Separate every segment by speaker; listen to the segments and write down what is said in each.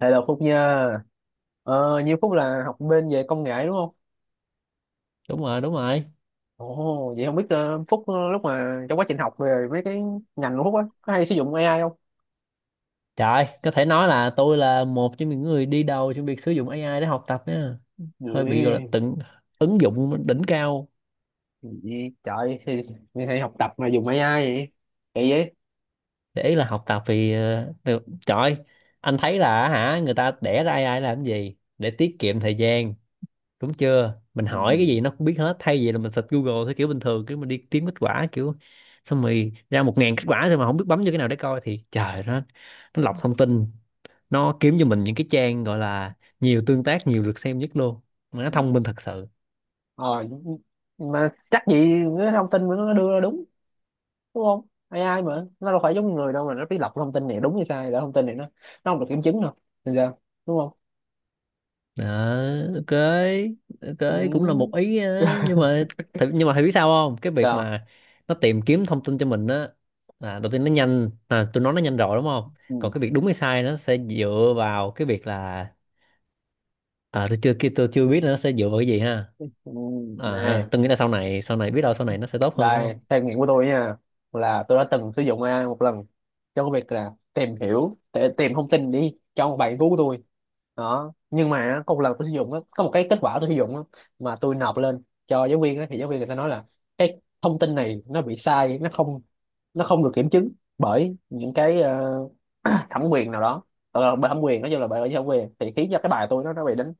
Speaker 1: Hello Phúc nha. Như Phúc là học bên về công nghệ đúng không?
Speaker 2: Đúng rồi, đúng rồi.
Speaker 1: Vậy không biết Phúc, lúc mà trong quá trình học về mấy cái ngành của Phúc á, có hay sử dụng AI không?
Speaker 2: Trời, có thể nói là tôi là một trong những người đi đầu trong việc sử dụng AI để học tập nha. Hơi bị gọi là
Speaker 1: Gì,
Speaker 2: tận ứng dụng đỉnh cao.
Speaker 1: gì trời, thì học tập mà dùng AI vậy? Kỳ vậy?
Speaker 2: Để là học tập thì được trời. Anh thấy là hả, người ta đẻ ra AI làm cái gì? Để tiết kiệm thời gian đúng chưa? Mình
Speaker 1: Ừ.
Speaker 2: hỏi cái gì nó cũng biết hết, thay vì là mình search Google theo kiểu bình thường, kiểu mình đi kiếm kết quả kiểu xong rồi ra 1000 kết quả rồi mà không biết bấm vô cái nào để coi, thì trời, nó lọc thông tin, nó kiếm cho mình những cái trang gọi là nhiều tương tác, nhiều lượt xem nhất luôn, mà nó thông minh thật sự.
Speaker 1: Ờ, mà chắc gì cái thông tin mà nó đưa ra đúng không? AI mà, nó đâu phải giống người đâu mà nó biết lọc thông tin này đúng hay sai, để thông tin này nó không được kiểm chứng đâu. Thì sao? Đúng không?
Speaker 2: Đó, ok, ok cũng là một ý,
Speaker 1: Ừ.
Speaker 2: nhưng mà nhưng mà thầy biết sao không, cái việc
Speaker 1: Sao?
Speaker 2: mà nó tìm kiếm thông tin cho mình á, là đầu tiên nó nhanh, à tôi nói nó nhanh rồi đúng không. Còn cái việc đúng hay sai, nó sẽ dựa vào cái việc là tôi chưa biết là nó sẽ dựa vào cái gì ha.
Speaker 1: ừ,
Speaker 2: À
Speaker 1: này
Speaker 2: ha Tôi nghĩ là sau này biết đâu sau này nó sẽ tốt hơn đúng
Speaker 1: đây,
Speaker 2: không.
Speaker 1: theo nghiệm của tôi nha, là tôi đã từng sử dụng AI một lần cho cái việc là tìm hiểu để tìm thông tin đi cho một bài nghiên cứu của tôi đó. Nhưng mà á, có một lần tôi sử dụng á, có một cái kết quả tôi sử dụng á, mà tôi nộp lên cho giáo viên á, thì giáo viên người ta nói là cái thông tin này nó bị sai, nó không được kiểm chứng bởi những cái thẩm quyền nào đó, bởi thẩm quyền, nói chung là bởi bởi thẩm quyền, thì khiến cho cái bài tôi nó bị đánh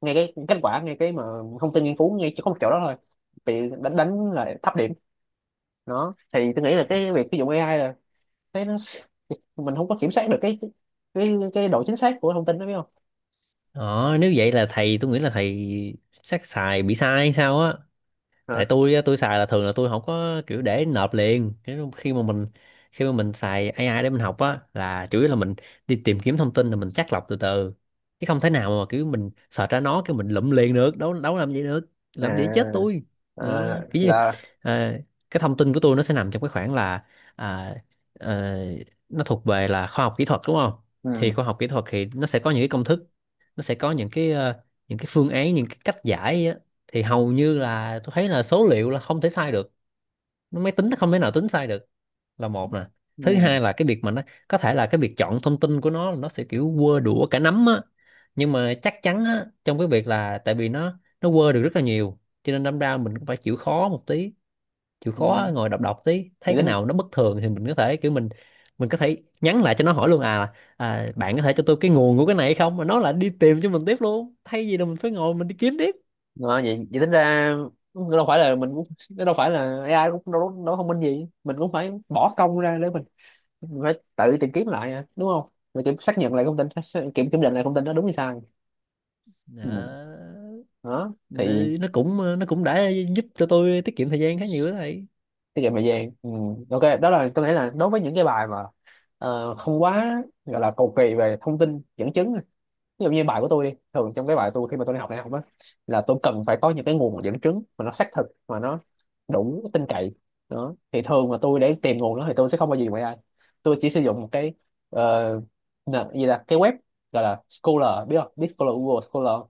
Speaker 1: ngay cái kết quả, ngay cái mà thông tin nghiên cứu ngay chỉ có một chỗ đó thôi, bị đánh đánh là thấp điểm. Đó thì tôi nghĩ là cái việc sử dụng AI là cái nó, mình không có kiểm soát được cái độ chính xác của thông tin đó, biết không?
Speaker 2: Ờ nếu vậy là thầy, tôi nghĩ là thầy chắc xài bị sai hay sao á.
Speaker 1: Hả?
Speaker 2: Tại tôi á, tôi xài là thường là tôi không có kiểu để nộp liền. Thế nên khi mà mình xài AI để mình học á, là chủ yếu là mình đi tìm kiếm thông tin rồi mình chắt lọc từ từ, chứ không thể nào mà kiểu mình search ra nó cái mình lụm liền được đâu, đâu làm gì được, làm gì chết
Speaker 1: À,
Speaker 2: tôi.
Speaker 1: à
Speaker 2: Ừ, kiểu như,
Speaker 1: là
Speaker 2: à, cái thông tin của tôi nó sẽ nằm trong cái khoảng là, à, ờ, nó thuộc về là khoa học kỹ thuật đúng không. Thì
Speaker 1: ừ,
Speaker 2: khoa học kỹ thuật thì nó sẽ có những cái công thức, nó sẽ có những cái, những cái phương án, những cái cách giải. Thì hầu như là tôi thấy là số liệu là không thể sai được, máy tính nó không thể nào tính sai được, là một nè. Thứ
Speaker 1: ừ,
Speaker 2: hai là cái việc mà nó có thể là cái việc chọn thông tin của nó sẽ kiểu quơ đũa cả nắm á, nhưng mà chắc chắn á, trong cái việc là tại vì nó quơ được rất là nhiều, cho nên đâm ra mình cũng phải chịu khó một tí, chịu
Speaker 1: ừ.
Speaker 2: khó ngồi đọc, đọc tí thấy
Speaker 1: vậy
Speaker 2: cái
Speaker 1: tính
Speaker 2: nào nó bất thường thì mình có thể kiểu mình có thể nhắn lại cho nó hỏi luôn, à, à bạn có thể cho tôi cái nguồn của cái này hay không, mà nó là đi tìm cho mình tiếp luôn, thay vì là mình phải ngồi mình đi kiếm tiếp
Speaker 1: Vậy tính ra đâu phải là mình cũng, đâu phải là AI cũng đâu đâu thông minh gì, mình cũng phải bỏ công ra để mình phải tự tìm kiếm lại à, đúng không? Mình kiểm xác nhận lại thông tin xác- kiểm kiểm định lại thông tin đó đúng hay sai. Ừ.
Speaker 2: đó.
Speaker 1: Đó thì
Speaker 2: Để nó cũng nó cũng đã giúp cho tôi tiết kiệm thời gian khá nhiều đó thầy.
Speaker 1: tiết kiệm thời gian, ừ. Ok, đó là tôi nghĩ là đối với những cái bài mà không quá gọi là cầu kỳ về thông tin dẫn chứng. Ví dụ như bài của tôi đi, thường trong cái bài tôi khi mà tôi đi học đại học á, là tôi cần phải có những cái nguồn dẫn chứng mà nó xác thực, mà nó đủ tin cậy. Đó thì thường mà tôi để tìm nguồn đó thì tôi sẽ không bao giờ dùng AI. Tôi chỉ sử dụng một cái ờ, nền- gì là cái web gọi là Scholar, biết không? Biết Scholar, Google Scholar.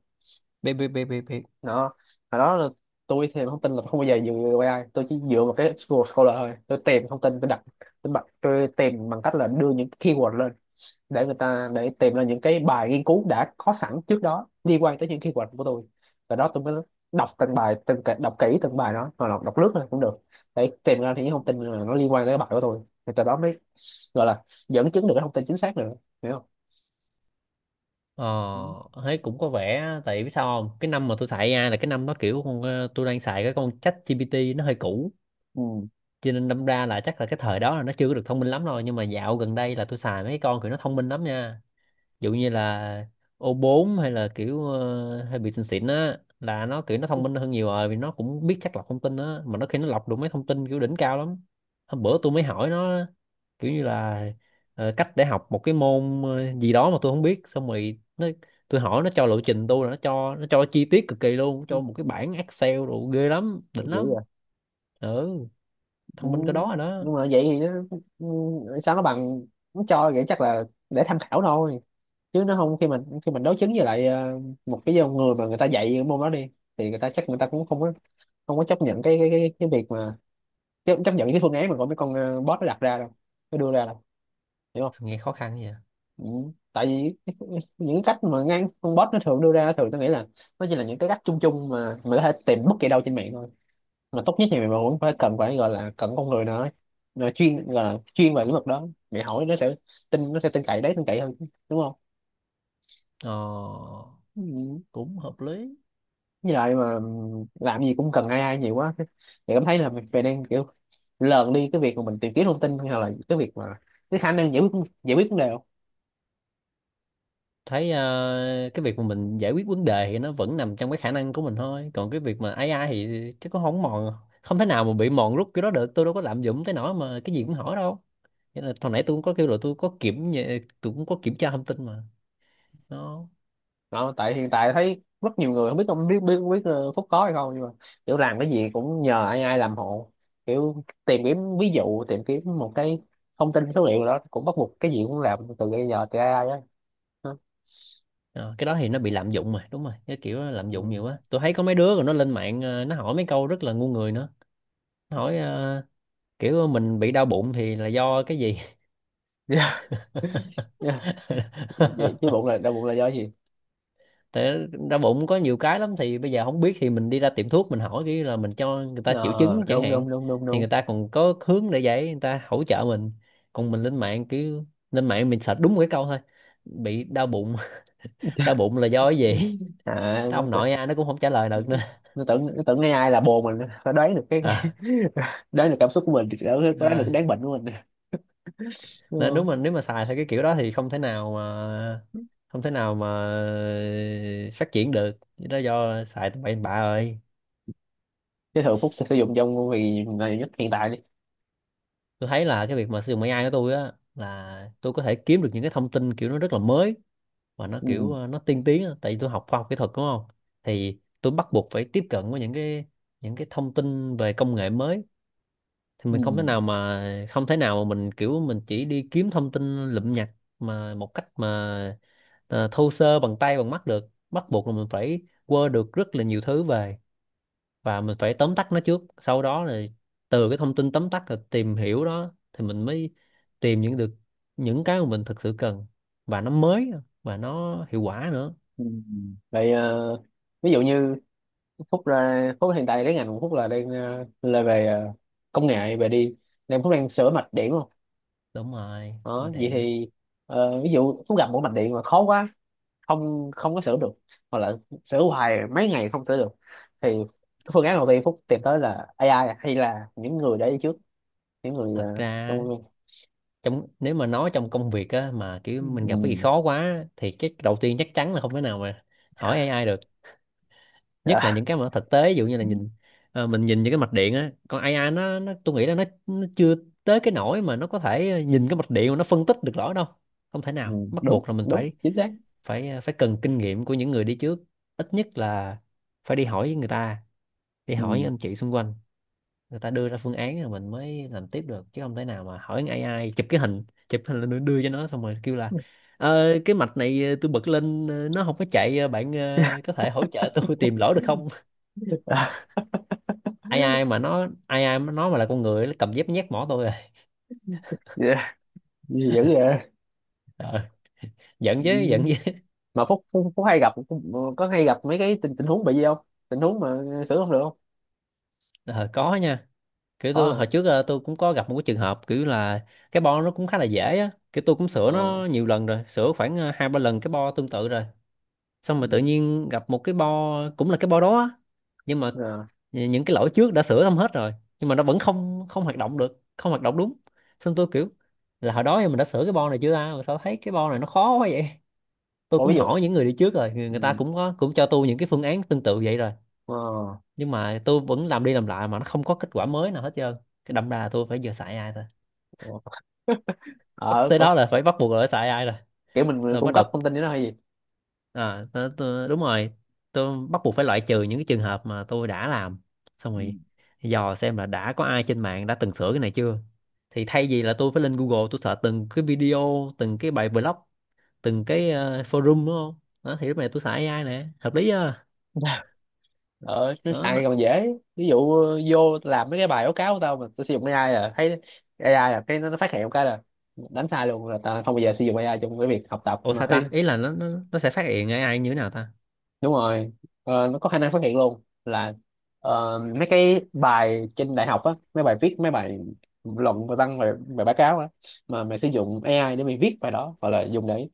Speaker 2: Biết biết biết biết biết.
Speaker 1: Đó, hồi đó là tôi thì thông tin là không bao giờ dựa vào AI, tôi chỉ dựa vào cái Google Scholar thôi. Tôi tìm thông tin, tôi đặt tôi, bật, tôi tìm bằng cách là đưa những keyword lên để người ta, để tìm ra những cái bài nghiên cứu đã có sẵn trước đó liên quan tới những keyword của tôi. Và đó tôi mới đọc từng bài từng cái- đọc kỹ từng bài đó, hoặc là đọc lướt thôi cũng được, để tìm ra những thông tin là nó liên quan tới cái bài của tôi. Thì từ đó mới gọi là dẫn chứng được cái thông tin chính xác nữa. Hiểu không?
Speaker 2: ờ
Speaker 1: Ừ.
Speaker 2: Thấy cũng có vẻ, tại biết sao không, cái năm mà tôi xài AI là cái năm nó kiểu con tôi đang xài cái con ChatGPT nó hơi cũ,
Speaker 1: Ừ.
Speaker 2: cho nên đâm ra là chắc là cái thời đó là nó chưa có được thông minh lắm rồi, nhưng mà dạo gần đây là tôi xài mấy con kiểu nó thông minh lắm nha. Dụ như là O4 hay là kiểu hay bị xịn xịn á, là nó kiểu nó thông minh hơn nhiều rồi, vì nó cũng biết chắc lọc thông tin á, mà nó khi nó lọc được mấy thông tin kiểu đỉnh cao lắm. Hôm bữa tôi mới hỏi nó, kiểu như là cách để học một cái môn gì đó mà tôi không biết, xong rồi tôi hỏi nó cho lộ trình tôi, là nó cho, nó cho chi tiết cực kỳ luôn, cho một cái bảng Excel đồ ghê lắm, đỉnh
Speaker 1: Dữ.
Speaker 2: lắm. Ừ,
Speaker 1: Ừ,
Speaker 2: thông minh cái đó rồi đó.
Speaker 1: nhưng mà vậy thì nó, ừ, sao nó bằng, nó cho vậy chắc là để tham khảo thôi, chứ nó không, khi mình khi mình đối chứng với lại một cái dòng người mà người ta dạy cái môn đó đi, thì người ta chắc người ta cũng không có, không có chấp nhận cái việc mà chấp nhận cái phương án mà của mấy con bot nó đặt ra đâu, nó đưa ra đâu. Hiểu không?
Speaker 2: Sao nghe khó khăn vậy.
Speaker 1: Ừ. Tại vì những cái cách mà ngang con bot nó thường đưa ra, thường tôi nghĩ là nó chỉ là những cái cách chung chung mà mình có thể tìm bất kỳ đâu trên mạng thôi. Mà tốt nhất thì mình vẫn phải cần, phải gọi là cần con người nữa. Nó chuyên, gọi là chuyên về lĩnh vực đó, để hỏi nó sẽ tin, nó sẽ tin cậy, đấy tin cậy hơn chứ, đúng không?
Speaker 2: Ờ,
Speaker 1: Ừ.
Speaker 2: cũng hợp lý.
Speaker 1: Với lại mà làm gì cũng cần ai ai nhiều quá thì cảm thấy là mình đang kiểu lờn đi cái việc mà mình tìm kiếm thông tin, hay là cái việc mà cái khả năng giải quyết vấn đề.
Speaker 2: Thấy cái việc mà mình giải quyết vấn đề thì nó vẫn nằm trong cái khả năng của mình thôi, còn cái việc mà AI thì chắc cũng không mòn, không thể nào mà bị mòn rút cái đó được, tôi đâu có lạm dụng tới nỗi mà cái gì cũng hỏi đâu. Nên là hồi nãy tôi cũng có kêu là tôi có tôi cũng có kiểm tra thông tin mà nó.
Speaker 1: Đó, tại hiện tại thấy rất nhiều người không biết, không biết biết biết Phúc có hay không, nhưng mà kiểu làm cái gì cũng nhờ ai ai làm hộ, kiểu tìm kiếm, ví dụ tìm kiếm một cái thông tin số liệu đó cũng bắt buộc, cái gì cũng làm từ bây giờ từ AI á. Hả?
Speaker 2: Ờ, cái đó thì nó bị lạm dụng mà, đúng rồi, cái kiểu đó lạm
Speaker 1: Ừ.
Speaker 2: dụng nhiều quá, tôi thấy có mấy đứa rồi, nó lên mạng nó hỏi mấy câu rất là ngu người nữa. Nó hỏi kiểu mình bị đau bụng thì là do cái gì.
Speaker 1: Yeah. Yeah. Vậy, chứ bụng là đau bụng là do gì?
Speaker 2: Tại đau bụng có nhiều cái lắm, thì bây giờ không biết thì mình đi ra tiệm thuốc mình hỏi, cái là mình cho người ta triệu
Speaker 1: Ờ,
Speaker 2: chứng chẳng
Speaker 1: đúng
Speaker 2: hạn,
Speaker 1: đúng đúng đúng
Speaker 2: thì
Speaker 1: đúng.
Speaker 2: người ta còn có hướng để giải, người ta hỗ trợ mình. Còn mình lên mạng cứ lên mạng mình search đúng một cái câu thôi, bị đau bụng,
Speaker 1: Dạ.
Speaker 2: đau bụng là do cái gì,
Speaker 1: À
Speaker 2: cái
Speaker 1: nó
Speaker 2: ông
Speaker 1: tự-,
Speaker 2: nội ai nó cũng không trả lời được nữa.
Speaker 1: nó tưởng AI, ai là bồ mình, phải đoán được cái
Speaker 2: à,
Speaker 1: đoán được cảm xúc của mình, đoán đoán được
Speaker 2: à,
Speaker 1: cái đáng bệnh của mình, đúng
Speaker 2: Nên đúng,
Speaker 1: không?
Speaker 2: mình nếu mà xài theo cái kiểu đó thì không thể nào mà không thể nào mà phát triển được. Đó, do xài tụi bậy bạ rồi.
Speaker 1: Cái thường Phúc sẽ sử dụng trong vì là nhất hiện tại đi.
Speaker 2: Tôi thấy là cái việc mà sử dụng AI của tôi á, là tôi có thể kiếm được những cái thông tin kiểu nó rất là mới, và nó kiểu
Speaker 1: ừ,
Speaker 2: nó tiên tiến á. Tại vì tôi học khoa học kỹ thuật đúng không. Thì tôi bắt buộc phải tiếp cận với những cái thông tin về công nghệ mới. Thì
Speaker 1: ừ,
Speaker 2: mình không thể nào mà không thể nào mà mình kiểu mình chỉ đi kiếm thông tin lụm nhặt mà một cách mà thô sơ bằng tay bằng mắt được, bắt buộc là mình phải quơ được rất là nhiều thứ về, và mình phải tóm tắt nó trước, sau đó là từ cái thông tin tóm tắt là tìm hiểu đó, thì mình mới tìm những được những cái mà mình thực sự cần, và nó mới và nó hiệu quả nữa.
Speaker 1: ừ. Vậy ví dụ như Phúc, ra Phúc hiện tại cái ngành của Phúc là đang là về công nghệ về đi, nên Phúc đang sửa mạch điện luôn.
Speaker 2: Đúng rồi mà
Speaker 1: Đó vậy
Speaker 2: đạn.
Speaker 1: thì ví dụ Phúc gặp một mạch điện mà khó quá, không không có sửa được, hoặc là sửa hoài mấy ngày không sửa được, thì cái phương án đầu tiên Phúc tìm tới là AI, hay là những người đã đi trước, những người
Speaker 2: Thật ra
Speaker 1: trong, ừ.
Speaker 2: trong, nếu mà nói trong công việc á, mà kiểu mình gặp cái gì
Speaker 1: Ừ,
Speaker 2: khó quá, thì cái đầu tiên chắc chắn là không thể nào mà hỏi AI được, nhất là
Speaker 1: dạ.
Speaker 2: những cái mà nó thực tế, ví dụ như là nhìn, mình nhìn những cái mạch điện á, còn AI nó tôi nghĩ là nó chưa tới cái nỗi mà nó có thể nhìn cái mạch điện mà nó phân tích được rõ đâu. Không thể
Speaker 1: Ừ,
Speaker 2: nào, bắt
Speaker 1: đúng
Speaker 2: buộc là mình
Speaker 1: đúng
Speaker 2: phải
Speaker 1: chính xác.
Speaker 2: phải ờ, phải cần kinh nghiệm của những người đi trước, ít nhất là phải đi hỏi người ta, đi hỏi những
Speaker 1: Ừ.
Speaker 2: anh chị xung quanh, người ta đưa ra phương án rồi mình mới làm tiếp được, chứ không thể nào mà hỏi con AI chụp cái hình, chụp hình lên đưa cho nó xong rồi kêu là "Ờ, cái mạch này tôi bật lên nó không có chạy, bạn có thể hỗ trợ tôi tìm lỗi được không". Ai ai mà nó mà là con người, nó cầm dép nhét mỏ tôi rồi.
Speaker 1: Dạ, dữ vậy.
Speaker 2: ờ, Giận chứ,
Speaker 1: Ừ.
Speaker 2: giận chứ.
Speaker 1: Mà phúc, phúc phúc hay gặp, có hay gặp mấy cái tình tình huống bị gì không, tình huống mà xử không được không?
Speaker 2: Ờ, có nha, kiểu
Speaker 1: Có
Speaker 2: tôi
Speaker 1: hả?
Speaker 2: hồi trước tôi cũng có gặp một cái trường hợp kiểu là cái bo nó cũng khá là dễ á, kiểu tôi cũng sửa
Speaker 1: Ờ.
Speaker 2: nó nhiều lần rồi, sửa khoảng 2 3 lần cái bo tương tự rồi, xong
Speaker 1: Ừ.
Speaker 2: rồi tự nhiên gặp một cái bo cũng là cái bo đó á, nhưng mà
Speaker 1: Ờ.
Speaker 2: những cái lỗi trước đã sửa xong hết rồi, nhưng mà nó vẫn không không hoạt động được, không hoạt động đúng. Xong tôi kiểu là hồi đó thì mình đã sửa cái bo này chưa ta, mà sao thấy cái bo này nó khó quá vậy. Tôi
Speaker 1: Ủa,
Speaker 2: cũng
Speaker 1: ví dụ.
Speaker 2: hỏi những người đi trước rồi, người ta
Speaker 1: Ừ.
Speaker 2: cũng có cũng cho tôi những cái phương án tương tự vậy rồi,
Speaker 1: Ờ.
Speaker 2: nhưng mà tôi vẫn làm đi làm lại mà nó không có kết quả mới nào hết trơn. Cái đâm ra là tôi phải giờ xài ai thôi,
Speaker 1: Ờ.
Speaker 2: bắt
Speaker 1: Ờ,
Speaker 2: tới
Speaker 1: có-,
Speaker 2: đó là phải, bắt buộc là phải xài ai rồi.
Speaker 1: kiểu mình
Speaker 2: Tôi
Speaker 1: cung
Speaker 2: bắt đầu,
Speaker 1: cấp thông tin cho nó hay gì?
Speaker 2: đúng rồi, tôi bắt buộc phải loại trừ những cái trường hợp mà tôi đã làm xong
Speaker 1: Ừ.
Speaker 2: rồi, dò xem là đã có ai trên mạng đã từng sửa cái này chưa. Thì thay vì là tôi phải lên Google tôi search từng cái video, từng cái bài blog, từng cái forum đúng không đó, thì lúc này tôi xài AI nè, hợp lý chưa
Speaker 1: Ờ nó
Speaker 2: đó.
Speaker 1: xài còn dễ. Ví dụ vô làm mấy cái bài báo cáo của tao mà tao sử dụng AI là thấy AI là cái nó phát hiện một cái là đánh sai luôn, là tao không bao giờ sử dụng AI trong cái việc học tập
Speaker 2: Ủa sao ta? Ý là nó nó sẽ phát hiện AI như thế nào ta?
Speaker 1: đúng rồi. Ờ, nó có khả năng phát hiện luôn là mấy cái bài trên đại học á, mấy bài viết, mấy bài luận, bài văn, bài báo cáo á mà mày sử dụng AI để mày viết bài đó, hoặc là dùng để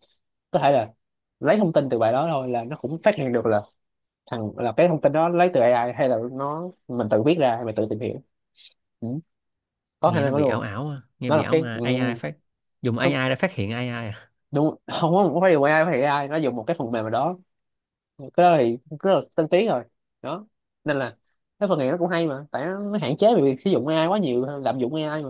Speaker 1: có thể là lấy thông tin từ bài đó thôi, là nó cũng phát hiện được là thằng là cái thông tin đó lấy từ AI hay là nó mình tự viết ra, hay mình tự tìm hiểu. Ừ. Có khả
Speaker 2: Nghe
Speaker 1: năng
Speaker 2: nó
Speaker 1: đó
Speaker 2: bị ảo
Speaker 1: luôn.
Speaker 2: ảo à, nghe
Speaker 1: Nó
Speaker 2: bị
Speaker 1: là
Speaker 2: ảo
Speaker 1: cái
Speaker 2: mà
Speaker 1: ừ,
Speaker 2: AI phát, dùng
Speaker 1: nó-,
Speaker 2: AI để phát hiện AI à.
Speaker 1: đúng không, không phải dùng AI, phải AI nó dùng một cái phần mềm nào đó, cái đó thì cũng rất là tân tiến rồi. Đó nên là cái phần này nó cũng hay, mà tại nó hạn chế về việc sử dụng AI quá nhiều, lạm dụng AI mà,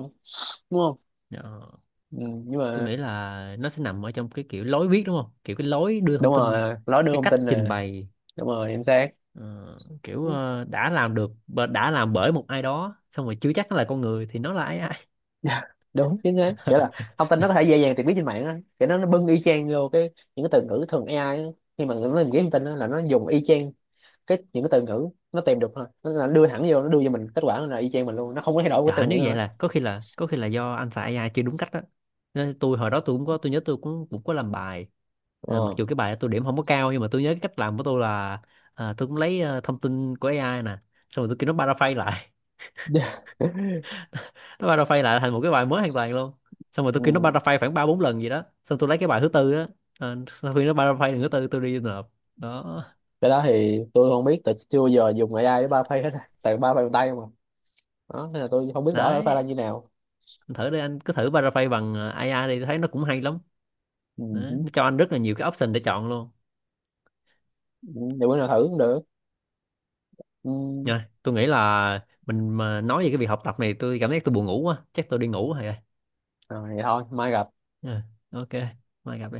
Speaker 1: đúng không?
Speaker 2: Ờ,
Speaker 1: Ừ, nhưng
Speaker 2: tôi
Speaker 1: mà
Speaker 2: nghĩ là nó sẽ nằm ở trong cái kiểu lối viết đúng không? Kiểu cái lối đưa
Speaker 1: đúng
Speaker 2: thông tin,
Speaker 1: rồi, nó đưa
Speaker 2: cái
Speaker 1: thông
Speaker 2: cách
Speaker 1: tin
Speaker 2: trình
Speaker 1: nè,
Speaker 2: bày,
Speaker 1: đúng rồi chính xác.
Speaker 2: ờ, kiểu đã làm bởi một ai đó xong rồi, chưa chắc nó là con người thì nó là AI.
Speaker 1: Dạ, đúng chính xác, kiểu là thông tin nó có thể dễ dàng tìm biết trên mạng á, kiểu nó bưng y chang vô cái, những cái từ ngữ thường AI á. Khi mà nó tìm kiếm thông tin á, là nó dùng y chang cái những cái từ ngữ nó tìm được thôi, nó là đưa thẳng vô, nó đưa cho mình kết quả là y chang mình luôn, nó không có thay đổi cái
Speaker 2: Dạ
Speaker 1: từ ngữ
Speaker 2: nếu
Speaker 1: nữa
Speaker 2: vậy
Speaker 1: hết.
Speaker 2: là có khi là do anh xài AI chưa đúng cách đó. Nên tôi hồi đó tôi cũng có, tôi nhớ tôi cũng cũng có làm bài. À, mặc
Speaker 1: Ờ.
Speaker 2: dù cái bài đó tôi điểm không có cao, nhưng mà tôi nhớ cái cách làm của tôi là tôi cũng lấy thông tin của AI nè, xong rồi tôi kêu nó paraphrase lại.
Speaker 1: Dạ.
Speaker 2: Nó paraphrase lại thành một cái bài mới hoàn toàn luôn. Xong rồi tôi kêu nó
Speaker 1: Ừ.
Speaker 2: paraphrase khoảng 3 4 lần gì đó. Xong tôi lấy cái bài thứ tư á, sau khi nó paraphrase lần thứ tư tôi đi nộp. Đó.
Speaker 1: Cái đó thì tôi không biết, tại chưa bao giờ dùng AI để ba phây hết, tại ba phây bằng tay mà. Đó nên là tôi không biết rõ là nó pha ra
Speaker 2: Đấy,
Speaker 1: như nào.
Speaker 2: anh thử đi, anh cứ thử paraphrase bằng AI đi, tôi thấy nó cũng hay lắm.
Speaker 1: Ừ.
Speaker 2: Đó.
Speaker 1: Hử.
Speaker 2: Nó cho anh rất là nhiều cái option để chọn luôn.
Speaker 1: Ừ, để bữa nào thử cũng được. Ừ.
Speaker 2: Rồi, tôi nghĩ là mình mà nói về cái việc học tập này tôi cảm thấy tôi buồn ngủ quá, chắc tôi đi ngủ rồi.
Speaker 1: Rồi vậy thôi mai gặp.
Speaker 2: Rồi, ok, mai gặp đi.